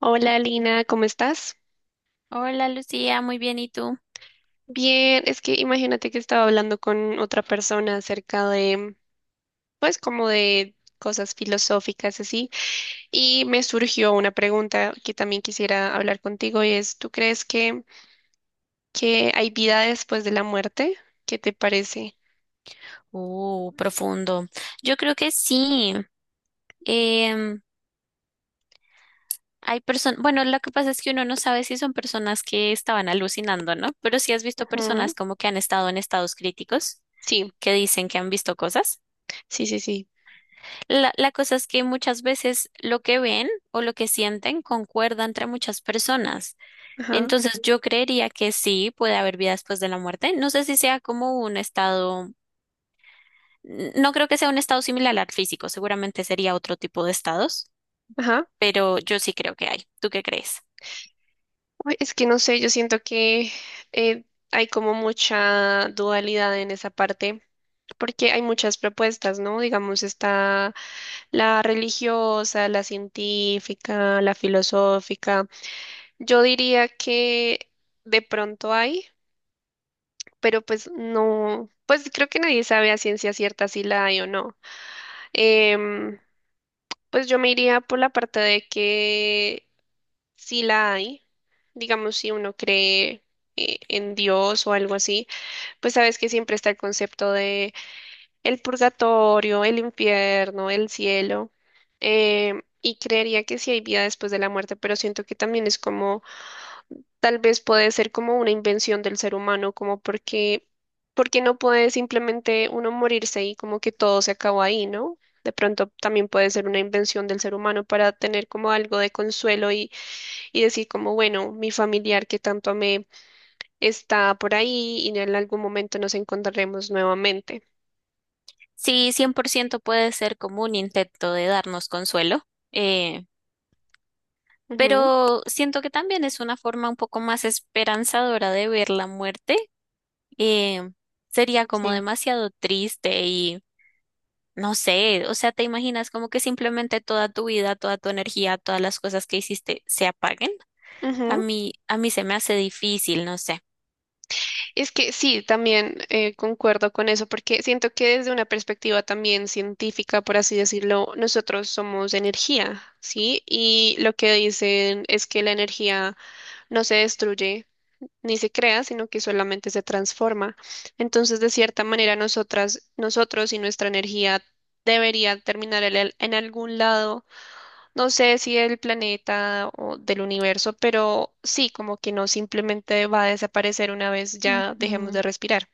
Hola Lina, ¿cómo estás? Hola Lucía, muy bien, ¿y tú? Bien, es que imagínate que estaba hablando con otra persona acerca pues como de cosas filosóficas así, y me surgió una pregunta que también quisiera hablar contigo y es, ¿tú crees que hay vida después de la muerte? ¿Qué te parece? Profundo. Yo creo que sí. em, Hay personas, bueno, lo que pasa es que uno no sabe si son personas que estaban alucinando, ¿no? Pero sí has visto Ujú. personas como que han estado en estados críticos, Sí, que dicen que han visto cosas. sí, sí, sí. La cosa es que muchas veces lo que ven o lo que sienten concuerda entre muchas personas. Ajá, Entonces yo creería que sí puede haber vida después de la muerte. No sé si sea como un estado. No creo que sea un estado similar al físico, seguramente sería otro tipo de estados, ajá. pero yo sí creo que hay. ¿Tú qué crees? Uy, es que no sé, yo siento que eh, hay como mucha dualidad en esa parte, porque hay muchas propuestas, ¿no? Digamos, está la religiosa, la científica, la filosófica. Yo diría que de pronto hay, pero pues no, pues creo que nadie sabe a ciencia cierta si la hay o no. Em, pues yo me iría por la parte de que si la hay, digamos si uno cree en Dios o algo así, pues sabes que siempre está el concepto de el purgatorio, el infierno, el cielo. Y creería que sí hay vida después de la muerte, pero siento que también es como, tal vez puede ser como una invención del ser humano, como porque no puede simplemente uno morirse y como que todo se acabó ahí, ¿no? De pronto también puede ser una invención del ser humano para tener como algo de y decir como, bueno, mi familiar que tanto amé está por ahí y en algún momento nos encontraremos nuevamente. Sí, 100% puede ser como un intento de darnos consuelo, eh, Ujú, pero siento que también es una forma un poco más esperanzadora de ver la muerte. eh, Sería como sí. demasiado triste y no sé, o sea, te imaginas como que simplemente toda tu vida, toda tu energía, todas las cosas que hiciste se apaguen. A Ujú. mí, a mí se me hace difícil, no sé. Es que sí, también concuerdo con eso, porque siento que desde una perspectiva también científica, por así decirlo, nosotros somos energía, ¿sí? Y lo que dicen es que la energía no se destruye, ni se crea, sino que solamente se transforma. Entonces, de cierta manera, nosotros y nuestra energía debería terminar en algún lado, no sé si del planeta o del universo, pero sí, como que no simplemente va a desaparecer una vez ya dejemos Ujú. de respirar.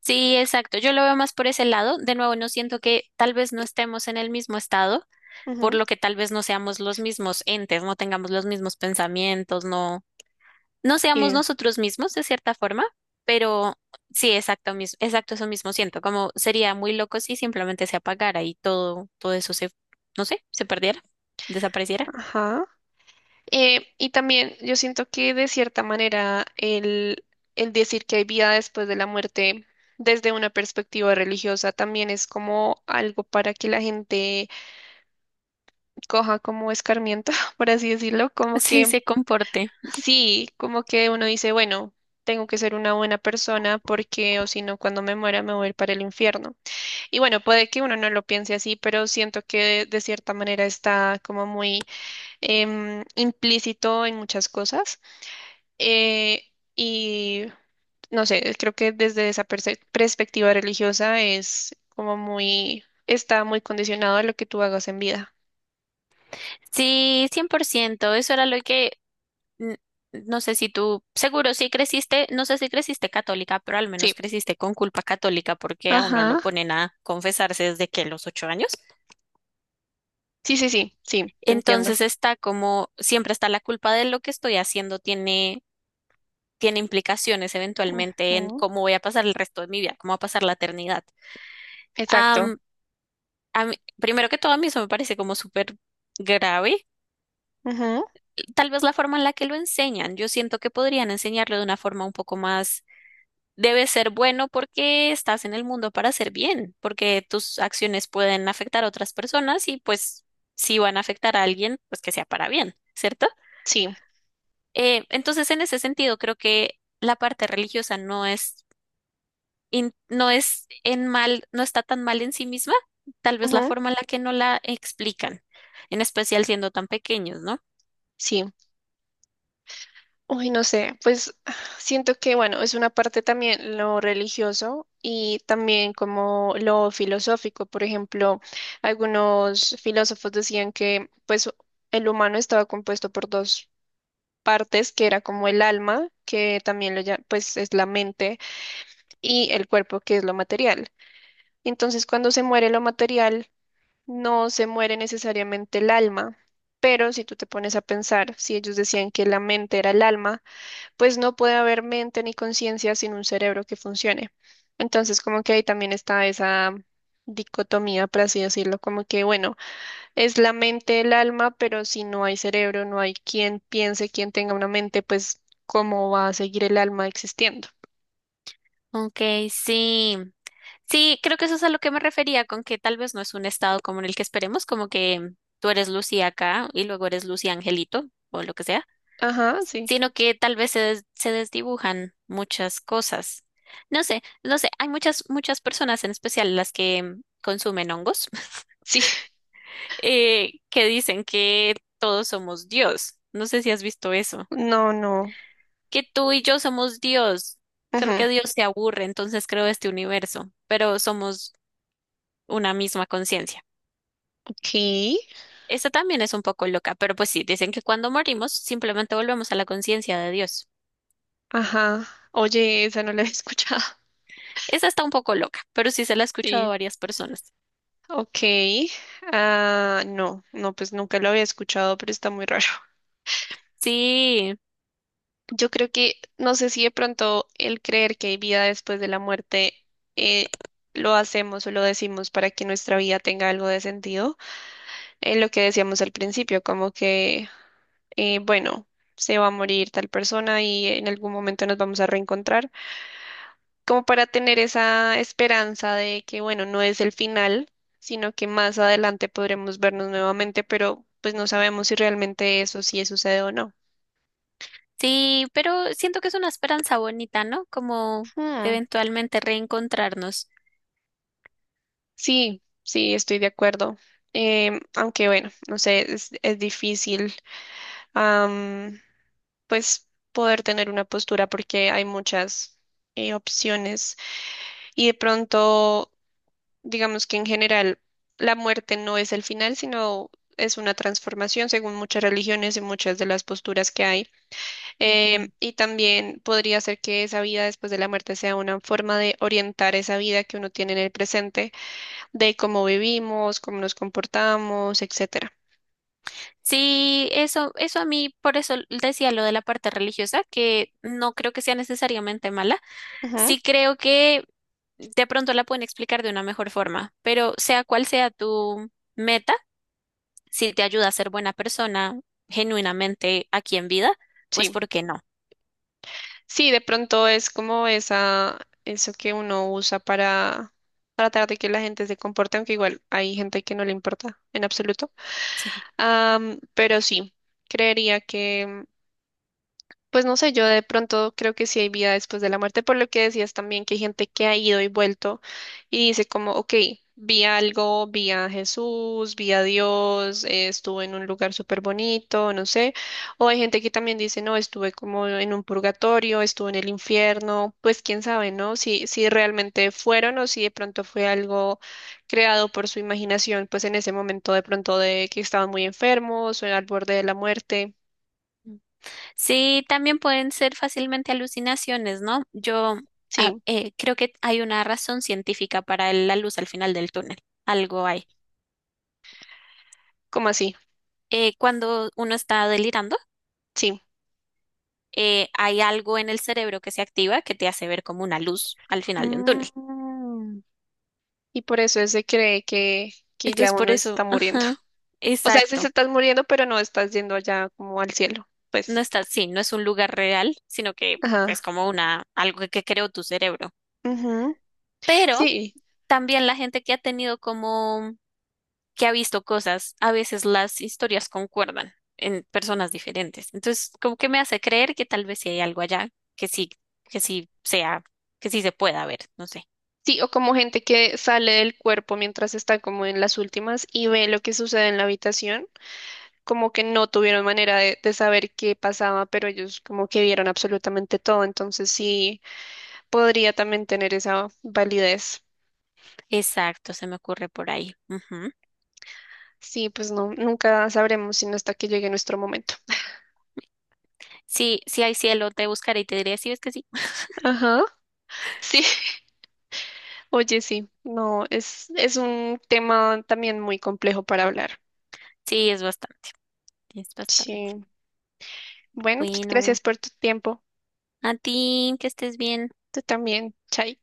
Sí, exacto. Yo lo veo más por ese lado. De nuevo, no siento que tal vez no estemos en el mismo estado, por Ujú. lo que tal vez no seamos los mismos entes, no tengamos los mismos pensamientos, no, no seamos Y- nosotros mismos de cierta forma, pero sí, exacto, exacto, eso mismo siento, como sería muy loco si simplemente se apagara y todo, todo eso se, no sé, se perdiera, desapareciera. Ajá. Y también yo siento que de cierta manera el decir que hay vida después de la muerte desde una perspectiva religiosa también es como algo para que la gente coja como escarmiento, por así decirlo, como Sí, que se comporte. sí, como que uno dice, bueno, tengo que ser una buena persona porque o si no, cuando me muera me voy a ir para el infierno. Y bueno, puede que uno no lo piense así, pero siento que de cierta manera está como muy implícito en muchas cosas. Eh, y no sé, creo que desde esa perspectiva religiosa es como muy, está muy condicionado a lo que tú hagas en vida. Sí, cien por ciento. Eso era lo que, n- no sé si tú, seguro sí creciste, no sé si creciste católica, pero al Sí. menos creciste con culpa católica porque a uno lo Ajá. ponen a confesarse desde que los 8 años. Sí, sí, sí, sí, te entiendo. Entonces está como, siempre está la culpa de lo que estoy haciendo, tiene implicaciones eventualmente en Ujú. cómo voy a pasar el resto de mi vida, cómo va a pasar la eternidad. Exacto. Am, primero que todo, a mí eso me parece como súper grave. Ujú. Tal vez la forma en la que lo enseñan. Yo siento que podrían enseñarlo de una forma un poco más, debe ser bueno porque estás en el mundo para hacer bien, porque tus acciones pueden afectar a otras personas y pues si van a afectar a alguien, pues que sea para bien, ¿cierto? Sí. Entonces, en ese sentido, creo que la parte religiosa no es no es en mal, no está tan mal en sí misma, tal vez la Ujú. forma en la que no la explican, en especial siendo tan pequeños, ¿no? Sí. Uy, no sé, pues siento que, bueno, es una parte también lo religioso y también como lo filosófico. Por ejemplo, algunos filósofos decían que, pues, el humano estaba compuesto por dos partes, que era como el alma, que también lo pues es la mente, y el cuerpo, que es lo material. Entonces, cuando se muere lo material, no se muere necesariamente el alma. Pero si tú te pones a pensar, si ellos decían que la mente era el alma, pues no puede haber mente ni conciencia sin un cerebro que funcione. Entonces, como que ahí también está esa dicotomía, por así decirlo, como que, bueno, es la mente el alma, pero si no hay cerebro, no hay quien piense, quien tenga una mente, pues, ¿cómo va a seguir el alma existiendo? Ok, sí. Sí, creo que eso es a lo que me refería, con que tal vez no es un estado como en el que esperemos, como que tú eres Lucy acá y luego eres Lucy Angelito o lo que sea, Ajá, sí. sino que tal vez se, se desdibujan muchas cosas. No sé, no sé, hay muchas, muchas personas, en especial las que consumen hongos, Sí. Que dicen que todos somos Dios. No sé si has visto eso. No, no. Que tú y yo somos Dios, solo que Ajá. Dios se aburre, entonces creó este universo, pero somos una misma conciencia. Ok. Esta también es un poco loca, pero pues sí, dicen que cuando morimos simplemente volvemos a la conciencia de Dios. Ajá. Oye, esa no la había escuchado. Esa está un poco loca, pero sí se la he escuchado a Sí. varias personas. Ok. Ah, no, no, pues nunca lo había escuchado, pero está muy raro. Sí, Yo creo que, no sé si de pronto el creer que hay vida después de la muerte eh, lo hacemos o lo decimos para que nuestra vida tenga algo de sentido. En lo que decíamos al principio, como que, bueno, se va a morir tal persona y en algún momento nos vamos a reencontrar, como para tener esa esperanza de que, bueno, no es el final, sino que más adelante podremos vernos nuevamente, pero pues no sabemos si realmente eso sí sucede o no. sí, pero siento que es una esperanza bonita, ¿no? Como Hmm. eventualmente reencontrarnos. Sí, sí, estoy de acuerdo. Aunque bueno, no sé, es difícil, am, pues poder tener una postura porque hay muchas opciones y de pronto, digamos que en general la muerte no es el final, sino es una transformación según muchas religiones y muchas de las posturas que hay. Y también podría ser que esa vida después de la muerte sea una forma de orientar esa vida que uno tiene en el presente de cómo vivimos, cómo nos comportamos, etcétera. Sí, eso a mí, por eso decía lo de la parte religiosa, que no creo que sea necesariamente mala. Ujú, Sí creo que de pronto la pueden explicar de una mejor forma, pero sea cual sea tu meta, si te ayuda a ser buena persona genuinamente aquí en vida, pues sí, ¿por qué no? sí, de pronto es como eso que uno usa para tratar de que la gente se comporte, aunque igual hay gente que no le importa en absoluto. Sí. Pero sí, creería que pues no sé, yo de pronto creo que sí hay vida después de la muerte, por lo que decías también que hay gente que ha ido y vuelto y dice como, ok, vi algo, vi a Jesús, vi a Dios, estuve en un lugar súper bonito, no sé, o hay gente que también dice, no, estuve como en un purgatorio, estuve en el infierno, pues quién sabe, ¿no? Si realmente fueron o si de pronto fue algo creado por su imaginación, pues en ese momento de pronto de que estaban muy enfermos o al borde de la muerte, Sí, también pueden ser fácilmente alucinaciones, ¿no? Yo sí, creo que hay una razón científica para la luz al final del túnel. Algo hay. como así. Cuando uno está delirando, Sí. Hay algo en el cerebro que se activa que te hace ver como una luz al final de un túnel. Mm, y por eso él se cree que ya Entonces, por uno eso, está muriendo. ajá, O sea, sí se exacto. estás muriendo, pero no estás yendo allá como al cielo. No Pues, está, sí, no es un lugar real, sino que es ajá. como una, algo que creó tu cerebro. Ujú. Pero Sí, también la gente que ha tenido como, que ha visto cosas, a veces las historias concuerdan en personas diferentes. Entonces, como que me hace creer que tal vez sí hay algo allá, que sí, que sí sea, que sí se pueda ver, no sé. sí, o como gente que sale del cuerpo mientras está como en las últimas y ve lo que sucede en la habitación, como que no tuvieron manera de saber qué pasaba, pero ellos como que vieron absolutamente todo. Entonces sí, podría también tener esa validez. Exacto, se me ocurre por ahí. Ujú. Sí, pues no, nunca sabremos sino hasta que llegue nuestro momento. Sí, sí hay cielo, te buscaré y te diré si ves que sí. Ajá. Sí, oye, sí, no, es un tema también muy complejo para hablar. Sí, es bastante, es bastante. Sí. Bueno, pues Bueno, gracias por tu tiempo. a ti, que estés bien. Tú también, Chay.